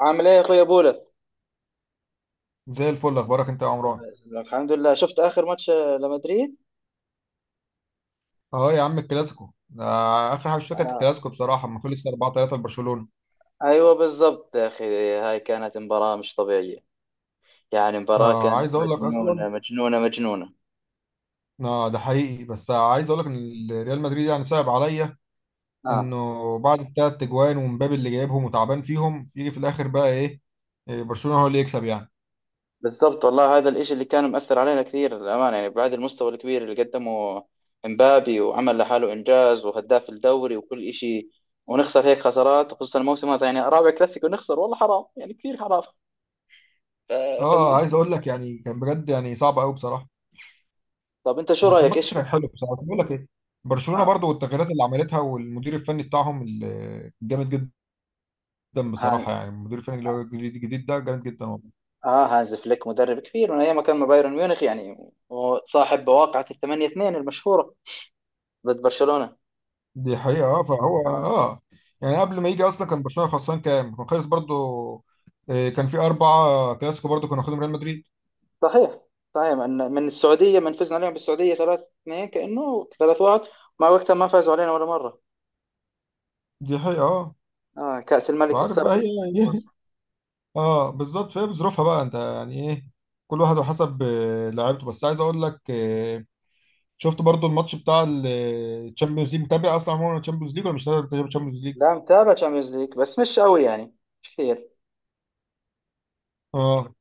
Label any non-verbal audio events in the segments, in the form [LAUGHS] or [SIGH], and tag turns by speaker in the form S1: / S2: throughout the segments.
S1: عامل ايه يا اخويا بولا؟
S2: زي الفل. اخبارك انت يا عمران؟
S1: الحمد لله، شفت اخر ماتش لمدريد.
S2: اه يا عم الكلاسيكو ده. اخر حاجه شفتها كانت
S1: آه.
S2: الكلاسيكو بصراحه لما خلص 4-3 لبرشلونه.
S1: ايوه بالضبط يا اخي. هاي كانت مباراة مش طبيعية، يعني مباراة
S2: آه
S1: كانت
S2: عايز اقول لك
S1: مجنونة
S2: اصلا.
S1: مجنونة مجنونة
S2: آه ده حقيقي، بس عايز اقول لك ان ريال مدريد يعني صعب عليا
S1: اه
S2: انه بعد الثلاث تجوان ومبابي اللي جايبهم وتعبان فيهم يجي في الاخر بقى ايه. إيه، برشلونه هو اللي يكسب يعني.
S1: بالضبط، والله هذا الاشي اللي كان مؤثر علينا كثير للامانة، يعني بعد المستوى الكبير اللي قدمه امبابي وعمل لحاله انجاز وهداف الدوري وكل اشي، ونخسر هيك خسارات، خصوصا الموسم هذا، يعني رابع كلاسيكو نخسر، والله حرام يعني، كثير حرام.
S2: اه عايز
S1: فالاشي
S2: اقول لك يعني كان بجد يعني صعب قوي بصراحه.
S1: طب انت شو
S2: بس
S1: رايك ايش.
S2: الماتش كان حلو بصراحه، بس بقول لك ايه. برشلونه برضو، والتغييرات اللي عملتها والمدير الفني بتاعهم الجامد جدا جدا
S1: اه
S2: بصراحه. يعني المدير الفني اللي هو الجديد ده جامد جدا والله.
S1: اه هانز فليك مدرب كبير من ايام ما كان مع بايرن ميونخ يعني، وصاحب بواقعة الثمانية اثنين المشهورة ضد برشلونة.
S2: دي حقيقه اه فهو
S1: آه.
S2: اه. يعني قبل ما يجي اصلا كان برشلونه خسران كام؟ كان خلص برضو، كان في اربعه كلاسيكو برضو كانوا واخدهم ريال مدريد.
S1: صحيح. صحيح، من السعودية، من فزنا عليهم بالسعودية 3-2، كأنه 3-1، مع وقتها ما فازوا علينا ولا مرة.
S2: دي حقيقه اه.
S1: اه كأس الملك
S2: وعارف بقى
S1: السابق.
S2: هي [LAUGHS] هي- اه بالظبط. فهي بظروفها بقى، انت يعني ايه، كل واحد وحسب لعيبته. بس عايز اقول لك، شفت برضو الماتش بتاع الشامبيونز ليج؟ متابع اصلا عموما الشامبيونز ليج ولا مش متابع الشامبيونز ليج؟
S1: لا، متابع تشامبيونز ليج بس مش قوي يعني، مش كثير.
S2: اه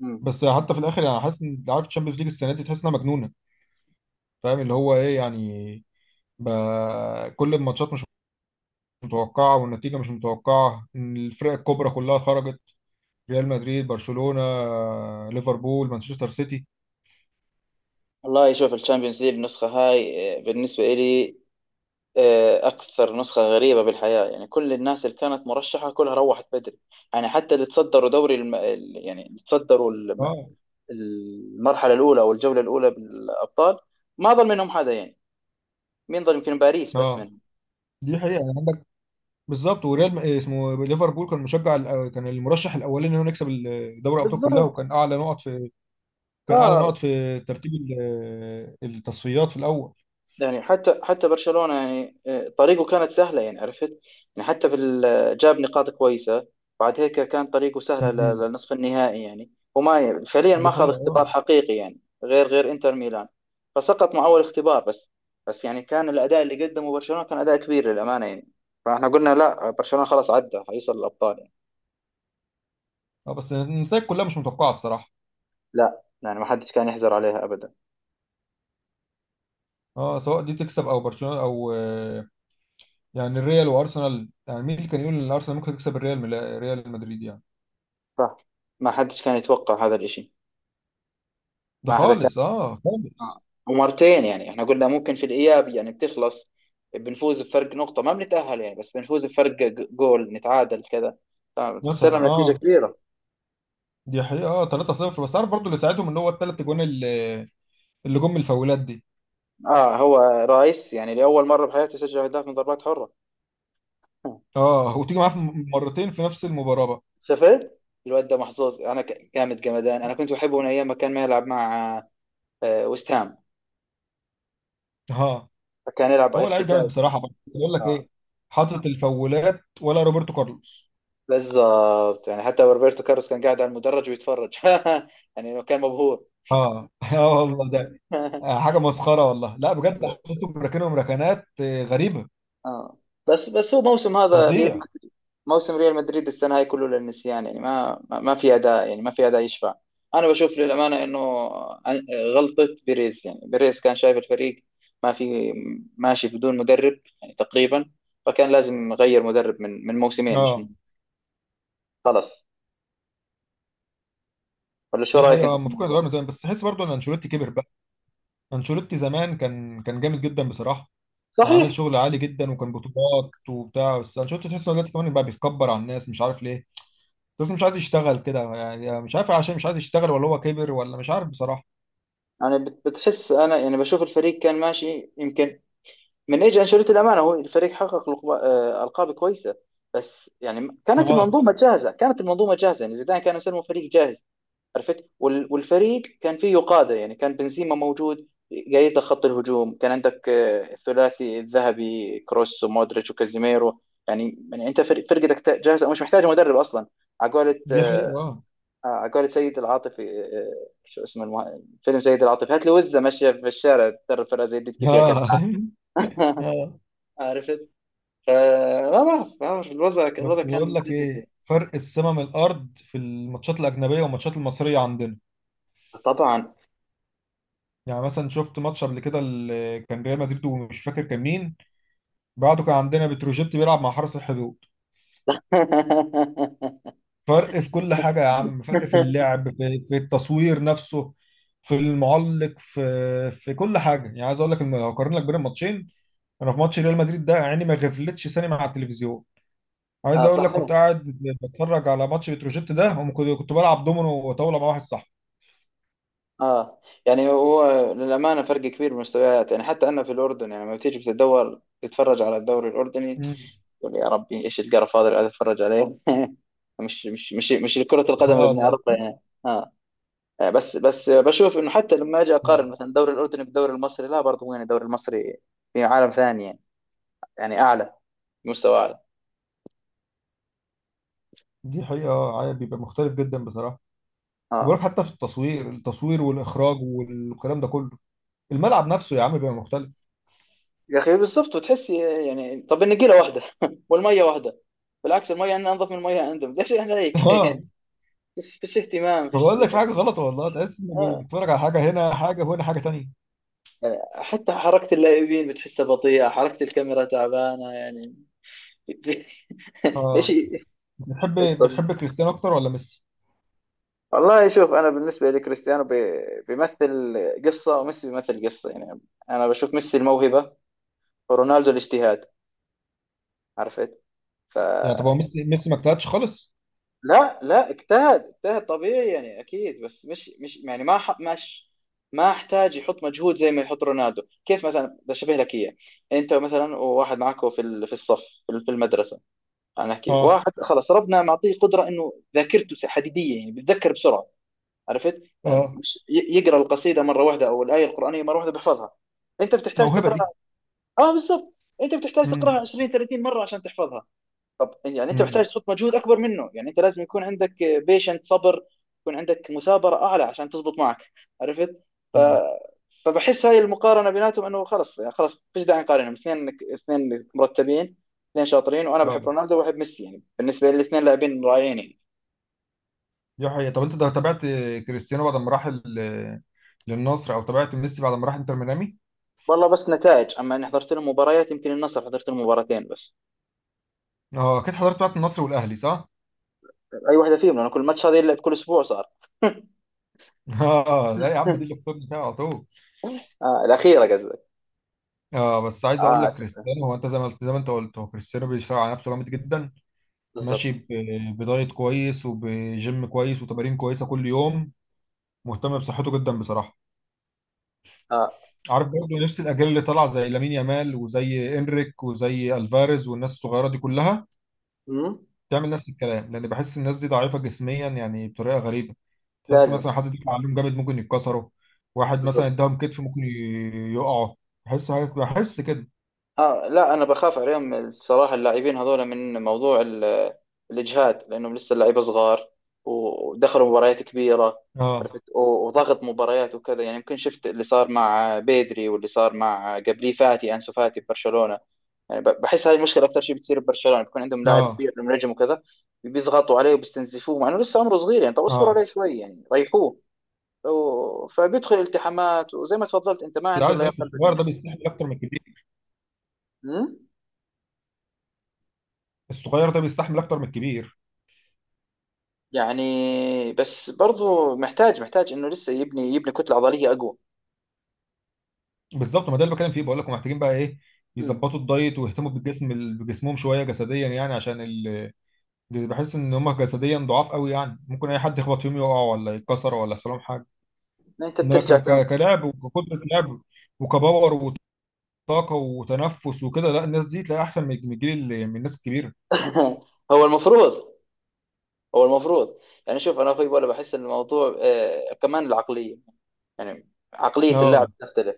S1: مم.
S2: بس حتى في الاخر يعني حاسس ان عارف الشامبيونز ليج السنه دي تحس انها مجنونه. فاهم اللي هو ايه يعني. ب... كل الماتشات مش متوقعة، والنتيجة مش متوقعة إن الفرق الكبرى كلها خرجت. ريال مدريد، برشلونة، ليفربول، مانشستر سيتي.
S1: والله شوف الشامبيونز ليج النسخة هاي، بالنسبة إلي أكثر نسخة غريبة بالحياة يعني، كل الناس اللي كانت مرشحة كلها روحت بدري. يعني حتى اللي تصدروا دوري الم... ال- يعني اللي تصدروا الم-
S2: اه
S1: المرحلة الأولى أو الجولة الأولى بالأبطال، ما ظل منهم حدا يعني. مين ظل؟ يمكن باريس بس
S2: اه
S1: منهم.
S2: دي حقيقة يعني عندك. بالظبط. إيه اسمه ليفربول، كان مشجع كان المرشح الأولاني إن هو يكسب دوري الأبطال كلها،
S1: بالظبط.
S2: وكان أعلى نقط في
S1: اه
S2: ترتيب التصفيات في الأول.
S1: يعني حتى برشلونة يعني طريقه كانت سهلة يعني، عرفت؟ يعني حتى في ال- آه، جاب نقاط كويسة، بعد هيك كان طريقه سهلة
S2: مم.
S1: للنصف النهائي يعني، فعليا ما
S2: دي
S1: أخذ
S2: حقيقة
S1: اختبار
S2: اه.
S1: حقيقي يعني، غير إنتر ميلان، فسقط مع أول اختبار بس. بس يعني كان الأداء اللي قدمه برشلونة كان أداء كبير للأمانة يعني، فاحنا قلنا لا برشلونة خلاص عدى حيوصل للأبطال يعني.
S2: اه بس النتائج كلها مش متوقعة الصراحة.
S1: لا يعني ما حدش كان يحزر عليها أبدا.
S2: اه سواء دي تكسب او برشلونة او يعني الريال وارسنال، يعني مين اللي كان يقول ان الارسنال ممكن تكسب الريال من ريال مدريد يعني.
S1: صح، ما حدش كان يتوقع هذا الإشي.
S2: ده
S1: ما حدا كان.
S2: خالص اه خالص.
S1: آه. ومرتين يعني، احنا قلنا ممكن في الاياب يعني بتخلص، بنفوز بفرق نقطه ما بنتاهل يعني، بس بنفوز بفرق جول، نتعادل كذا، فخسرنا
S2: مثلا
S1: بنتيجه
S2: اه.
S1: كبيره.
S2: دي حقيقة اه. 3-0. بس عارف برضو اللي ساعدهم ان هو الثلاث اجوان اللي اللي جم من الفاولات دي.
S1: اه، هو رايس يعني لاول مره بحياته سجل اهداف من ضربات حره.
S2: اه وتيجي معاه في مرتين في نفس المباراة بقى.
S1: شفت الواد ده؟ محظوظ. انا جامد جمدان. انا كنت بحبه من ايام ما كان ما يلعب مع ويست هام،
S2: اه
S1: فكان يلعب
S2: هو لعيب جامد
S1: ارتكاز.
S2: بصراحة، بقى بقول لك
S1: اه
S2: ايه، حاطط الفاولات ولا روبرتو كارلوس.
S1: بالضبط، يعني حتى روبرتو كارلوس كان قاعد على المدرج ويتفرج [LAUGHS] يعني كان مبهور.
S2: اه [LAUGHS] اه والله ده حاجة مسخرة والله. لا بجد
S1: [LAUGHS]
S2: حاططهم ركنهم ركنات غريبة.
S1: اه. بس بس هو موسم هذا ريال
S2: فظيع.
S1: مدريد، موسم ريال مدريد السنه هاي كله للنسيان يعني، ما في اداء يعني، ما في اداء يشفع. انا بشوف للامانه انه عن- غلطه بيريز. يعني بيريز كان شايف الفريق ما في، ماشي بدون مدرب يعني تقريبا، فكان لازم يغير مدرب من موسمين مش
S2: اه
S1: من خلاص. ولا شو
S2: دي
S1: رايك
S2: حقيقة
S1: انت في
S2: المفروض كان
S1: الموضوع؟
S2: يتغير من زمان، بس تحس برضه ان انشيلوتي كبر بقى. انشيلوتي زمان كان جامد جدا بصراحة. كان عامل
S1: صحيح.
S2: شغل عالي جدا وكان بطولات وبتاع. بس انشيلوتي تحس ان هو دلوقتي كمان بقى بيتكبر على الناس مش عارف ليه. بس مش عايز يشتغل كده يعني، يعني مش عارف عشان مش عايز يشتغل ولا هو كبر ولا مش عارف بصراحة.
S1: يعني بتحس انا يعني بشوف الفريق كان ماشي يمكن من ايجي انشيلوتي الامانه، هو الفريق حقق القاب كويسه، بس يعني كانت
S2: اه
S1: المنظومه جاهزه يعني. زيدان كان يسموه فريق جاهز، عرفت؟ والفريق كان فيه قاده يعني، كان بنزيما موجود قايد لك خط الهجوم، كان عندك الثلاثي الذهبي كروس ومودريتش وكازيميرو. يعني انت فرقتك جاهزه، مش محتاجه مدرب اصلا. على قولة
S2: دي حقيقة اه.
S1: على قولة سيد العاطفي، فيلم سيد العاطفي، هات لي وزه ماشيه في الشارع تدرب فرقه زي دي، تجيب فيها كاس
S2: اه
S1: العالم.
S2: [LAUGHS]
S1: [LAUGHS]
S2: آه.
S1: عرفت؟ فما بعرف، ما بعرف، الوضع
S2: بس
S1: الوضع
S2: بقول
S1: كان
S2: لك
S1: جدا
S2: ايه،
S1: سيء.
S2: فرق السما من الارض في الماتشات الاجنبية والماتشات المصرية عندنا.
S1: طبعا.
S2: يعني مثلا شفت ماتش قبل كده اللي كان ريال مدريد ومش فاكر كان مين. بعده كان عندنا بتروجيت بيلعب مع حرس الحدود.
S1: [LAUGHS]
S2: فرق في كل حاجة يا عم، فرق في اللعب، في التصوير نفسه، في المعلق، في في كل حاجة. يعني عايز اقول لك ان لو اقارن لك بين الماتشين، انا في ماتش ريال مدريد ده عيني ما غفلتش ثانية مع التلفزيون. عايز
S1: اه
S2: اقول لك
S1: صحيح.
S2: كنت قاعد بتفرج على ماتش بتروجيت ده، وكنت بلعب دومينو وطاولة مع واحد صاحبي.
S1: اه يعني هو للامانه فرق كبير بالمستويات يعني. حتى انا في الاردن يعني لما بتيجي بتدور تتفرج على الدوري الاردني،
S2: مم.
S1: تقول يا ربي ايش القرف هذا اللي قاعد اتفرج عليه. [LAUGHS] مش كره
S2: [LAUGHS]
S1: القدم اللي
S2: اه والله.
S1: بنعرفها يعني. اه. بس بشوف انه حتى لما اجي اقارن
S2: اه
S1: مثلا الدوري الاردني بالدوري المصري، لا برضه يعني الدوري المصري في عالم ثاني يعني، يعني اعلى، مستوى اعلى.
S2: دي حقيقة عادي بيبقى مختلف جدا بصراحة.
S1: اه
S2: وبقولك حتى في التصوير، والإخراج والكلام ده كله. الملعب نفسه يا عم بيبقى مختلف.
S1: يا اخي بالظبط وتحسي. يعني طب النجيله واحده [LAUGHS] والميه واحده، بالعكس الميه عندنا انظف من الميه عندهم، ليش احنا هيك؟ [LAUGHS]
S2: اه
S1: يعني فيش اهتمام
S2: ما
S1: فيش.
S2: بقول لك، في حاجه غلط والله. تحس انك
S1: آه.
S2: بتتفرج على حاجه، هنا حاجه وهنا حاجه تانية.
S1: يعني حتى حركه اللاعبين بتحسها بطيئه، حركه الكاميرا تعبانه يعني. [LAUGHS] ايش،
S2: اه
S1: ايش
S2: بتحب
S1: طبيعي.
S2: بتحب كريستيانو اكتر ولا ميسي؟
S1: والله شوف، انا بالنسبه لكريستيانو بيمثل قصه، وميسي بيمثل قصه يعني. انا بشوف ميسي الموهبه ورونالدو الاجتهاد، عرفت؟ ف
S2: يعني طب هو ميسي ما اجتهدش خالص.
S1: لا اجتهد، اجتهد طبيعي يعني اكيد، بس مش ما احتاج يحط مجهود زي ما يحط رونالدو. كيف مثلا بشبه لك اياه، انت مثلا وواحد معك في الصف، في المدرسه. انا احكي
S2: اه
S1: واحد خلص ربنا معطيه قدره انه ذاكرته حديديه يعني، بيتذكر بسرعه، عرفت؟ يعني
S2: اه
S1: مش يقرا القصيده مره واحده او الايه القرانيه مره واحده بيحفظها. انت بتحتاج
S2: موهبه دي.
S1: تقراها. اه بالضبط. انت بتحتاج
S2: امم
S1: تقراها 20 30 مره عشان تحفظها. طب يعني انت
S2: امم.
S1: محتاج تحط مجهود اكبر منه يعني، انت لازم يكون عندك بيشنت صبر، يكون عندك مثابره اعلى عشان تزبط معك، عرفت؟ ف...
S2: أمم.
S1: فبحس هاي المقارنه بيناتهم انه خلص يعني، خلص فيش داعي نقارنهم، اثنين اثنين مرتبين، اثنين شاطرين، وانا بحب
S2: اه
S1: رونالدو وبحب ميسي يعني، بالنسبه لي الاثنين لاعبين رائعين يعني.
S2: دي حقيقه. طب انت ده تابعت كريستيانو بعد ما راح للنصر، او تابعت ميسي بعد ما راح انتر ميامي؟
S1: والله بس نتائج، اما اني حضرت لهم مباريات، يمكن النصر حضرت لهم مباراتين بس.
S2: اه اكيد حضرت بتاعت النصر والاهلي، صح؟
S1: اي واحده فيهم؟ لانه كل ماتش هذا يلعب كل اسبوع صار.
S2: [LAUGHS] اه لا يا عم، دي اللي
S1: [LAUGHS]
S2: خسرنا فيها على طول.
S1: آه الاخيره قصدك.
S2: اه بس عايز اقول
S1: اه
S2: لك
S1: شفتها
S2: كريستيانو هو، انت زي ما قلت، زي ما انت قلت، هو كريستيانو بيشتغل على نفسه جامد جدا. ماشي
S1: بالضبط.
S2: بدايت كويس، وبجيم كويس، وتمارين كويسه كل يوم. مهتم بصحته جدا بصراحه.
S1: اه.
S2: عارف برضه نفس الاجيال اللي طالعه زي لامين يامال وزي انريك وزي الفاريز والناس الصغيره دي كلها
S1: مم.
S2: تعمل نفس الكلام، لان بحس الناس دي ضعيفه جسميا يعني بطريقه غريبه. تحس
S1: لازم.
S2: مثلا حد دفع عليهم جامد ممكن يتكسروا. واحد مثلا
S1: بالضبط.
S2: اداهم كتف ممكن يقعوا. بحس كده.
S1: آه لا، انا بخاف عليهم الصراحه اللاعبين هذول من موضوع الاجهاد، لانهم لسه اللعيبه صغار ودخلوا مباريات كبيره،
S2: اه
S1: عرفت؟ وضغط مباريات وكذا يعني، يمكن شفت اللي صار مع بيدري واللي صار مع قبليه فاتي، انسو فاتي ببرشلونه يعني. بحس هذه المشكله اكثر شيء بتصير ببرشلونه، بيكون عندهم لاعب
S2: اه
S1: كبير نجم وكذا، بيضغطوا عليه وبيستنزفوه مع انه لسه عمره صغير يعني. طب اصبروا
S2: اه
S1: عليه شوي يعني، ريحوه. فبيدخل التحامات، وزي ما تفضلت انت ما
S2: بس
S1: عنده
S2: عايز أقول لك،
S1: لياقه
S2: الصغير ده بيستحمل اكتر من الكبير.
S1: بدنيه
S2: الصغير ده بيستحمل اكتر من الكبير
S1: يعني. بس برضو محتاج، انه لسه يبني، يبني كتله عضليه اقوى.
S2: بالظبط. ما ده اللي بتكلم فيه، بقول لكم محتاجين بقى ايه،
S1: مم.
S2: يظبطوا الدايت ويهتموا بالجسم بجسمهم شويه جسديا، يعني عشان ال... بحس ان هم جسديا ضعاف قوي يعني. ممكن اي حد يخبط فيهم يقع ولا يتكسر ولا يحصل لهم حاجه.
S1: انت
S2: انما
S1: بترجع كم؟
S2: كلعب، وكقدره لعب، وكباور، وطاقه، وتنفس، وكده، لا، الناس دي تلاقي احسن من من الجيل من الناس الكبيره.
S1: [LAUGHS] هو المفروض، هو المفروض. يعني شوف انا اخوي، ولا بحس ان الموضوع آه كمان العقليه، يعني عقليه اللاعب
S2: اه
S1: تختلف.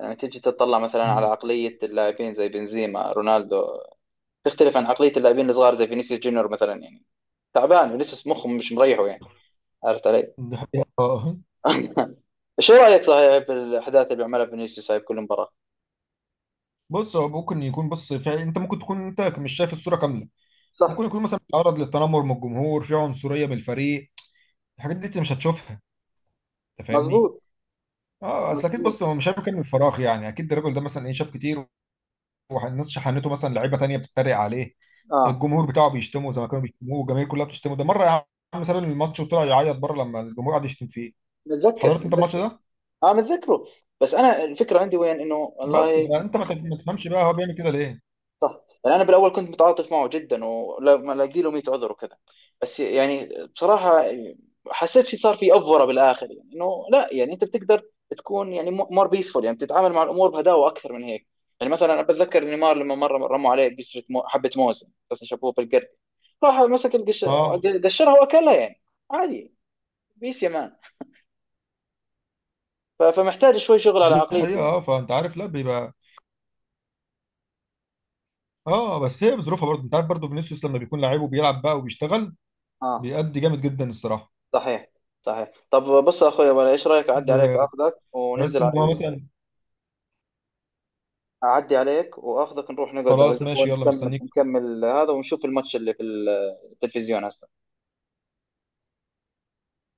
S1: يعني تيجي تطلع مثلا على
S2: مم.
S1: عقليه اللاعبين زي بنزيما، رونالدو، تختلف عن عقليه اللاعبين الصغار زي فينيسيوس جونيور مثلا يعني، تعبان ولسه مخه مش مريحه يعني، عرفت علي؟
S2: ده حقيقة اه.
S1: [LAUGHS] شو رايك؟ صحيح بالاحداث اللي بيعملها فينيسيوس هاي بكل مباراه.
S2: بص هو ممكن يكون، بص فعلا انت ممكن تكون انت مش شايف الصوره كامله.
S1: صح.
S2: ممكن يكون مثلا بيتعرض للتنمر من الجمهور، في عنصريه من الفريق. الحاجات دي انت مش هتشوفها، انت فاهمني.
S1: مزبوط.
S2: اه اصل اكيد،
S1: مظبوط.
S2: بص هو مش هياكل من الفراغ يعني. اكيد الراجل ده مثلا ايه شاف كتير. والناس شحنته، مثلا لعيبه تانية بتتريق عليه.
S1: اه
S2: الجمهور بتاعه بيشتمه زي ما كانوا بيشتموه، والجماهير كلها بتشتمه، ده مره يا عم ساب الماتش وطلع يعيط بره لما الجمهور قعد يشتم فيه.
S1: متذكر
S2: حضرت انت الماتش
S1: متذكر
S2: ده؟
S1: اه متذكره. بس انا الفكره عندي وين؟ انه
S2: بس
S1: والله
S2: فانت ما تفهمش بقى هو بيعمل كده ليه.
S1: يعني انا بالاول كنت متعاطف معه جدا، ولما الاقي له 100 عذر وكذا، بس يعني بصراحه حسيت في، صار في افوره بالاخر يعني، انه لا يعني انت بتقدر تكون يعني مور بيسفول يعني، بتتعامل مع الامور بهداوه اكثر من هيك. يعني مثلا أنا بتذكر نيمار لما مره رموا عليه حبه موز، بس شافوه بالقرد، راح مسك
S2: اه
S1: قشرها واكلها يعني عادي، بيس يا مان. فمحتاج شوي شغل على
S2: دي
S1: عقليته
S2: حقيقه
S1: يعني.
S2: اه. فانت عارف، لا بيبقى، اه بس هي بظروفها برضه. انت عارف برضه فينيسيوس لما بيكون لعيب وبيلعب بقى وبيشتغل،
S1: اه
S2: بيأدي جامد جدا الصراحه.
S1: صحيح. صحيح طب بص يا اخويا بقى، ايش رايك اعدي عليك
S2: ب-
S1: اخذك
S2: بحس
S1: وننزل
S2: ان
S1: على،
S2: هو مثلا.
S1: اعدي عليك واخذك نروح نقعد على
S2: خلاص
S1: القهوه،
S2: ماشي يلا
S1: نكمل
S2: مستنيك.
S1: نكمل هذا ونشوف الماتش اللي في التلفزيون هسه.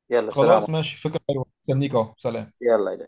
S1: يلا سلام.
S2: خلاص ماشي، فكرة حلوة، استنيك اهو، سلام.
S1: يلا.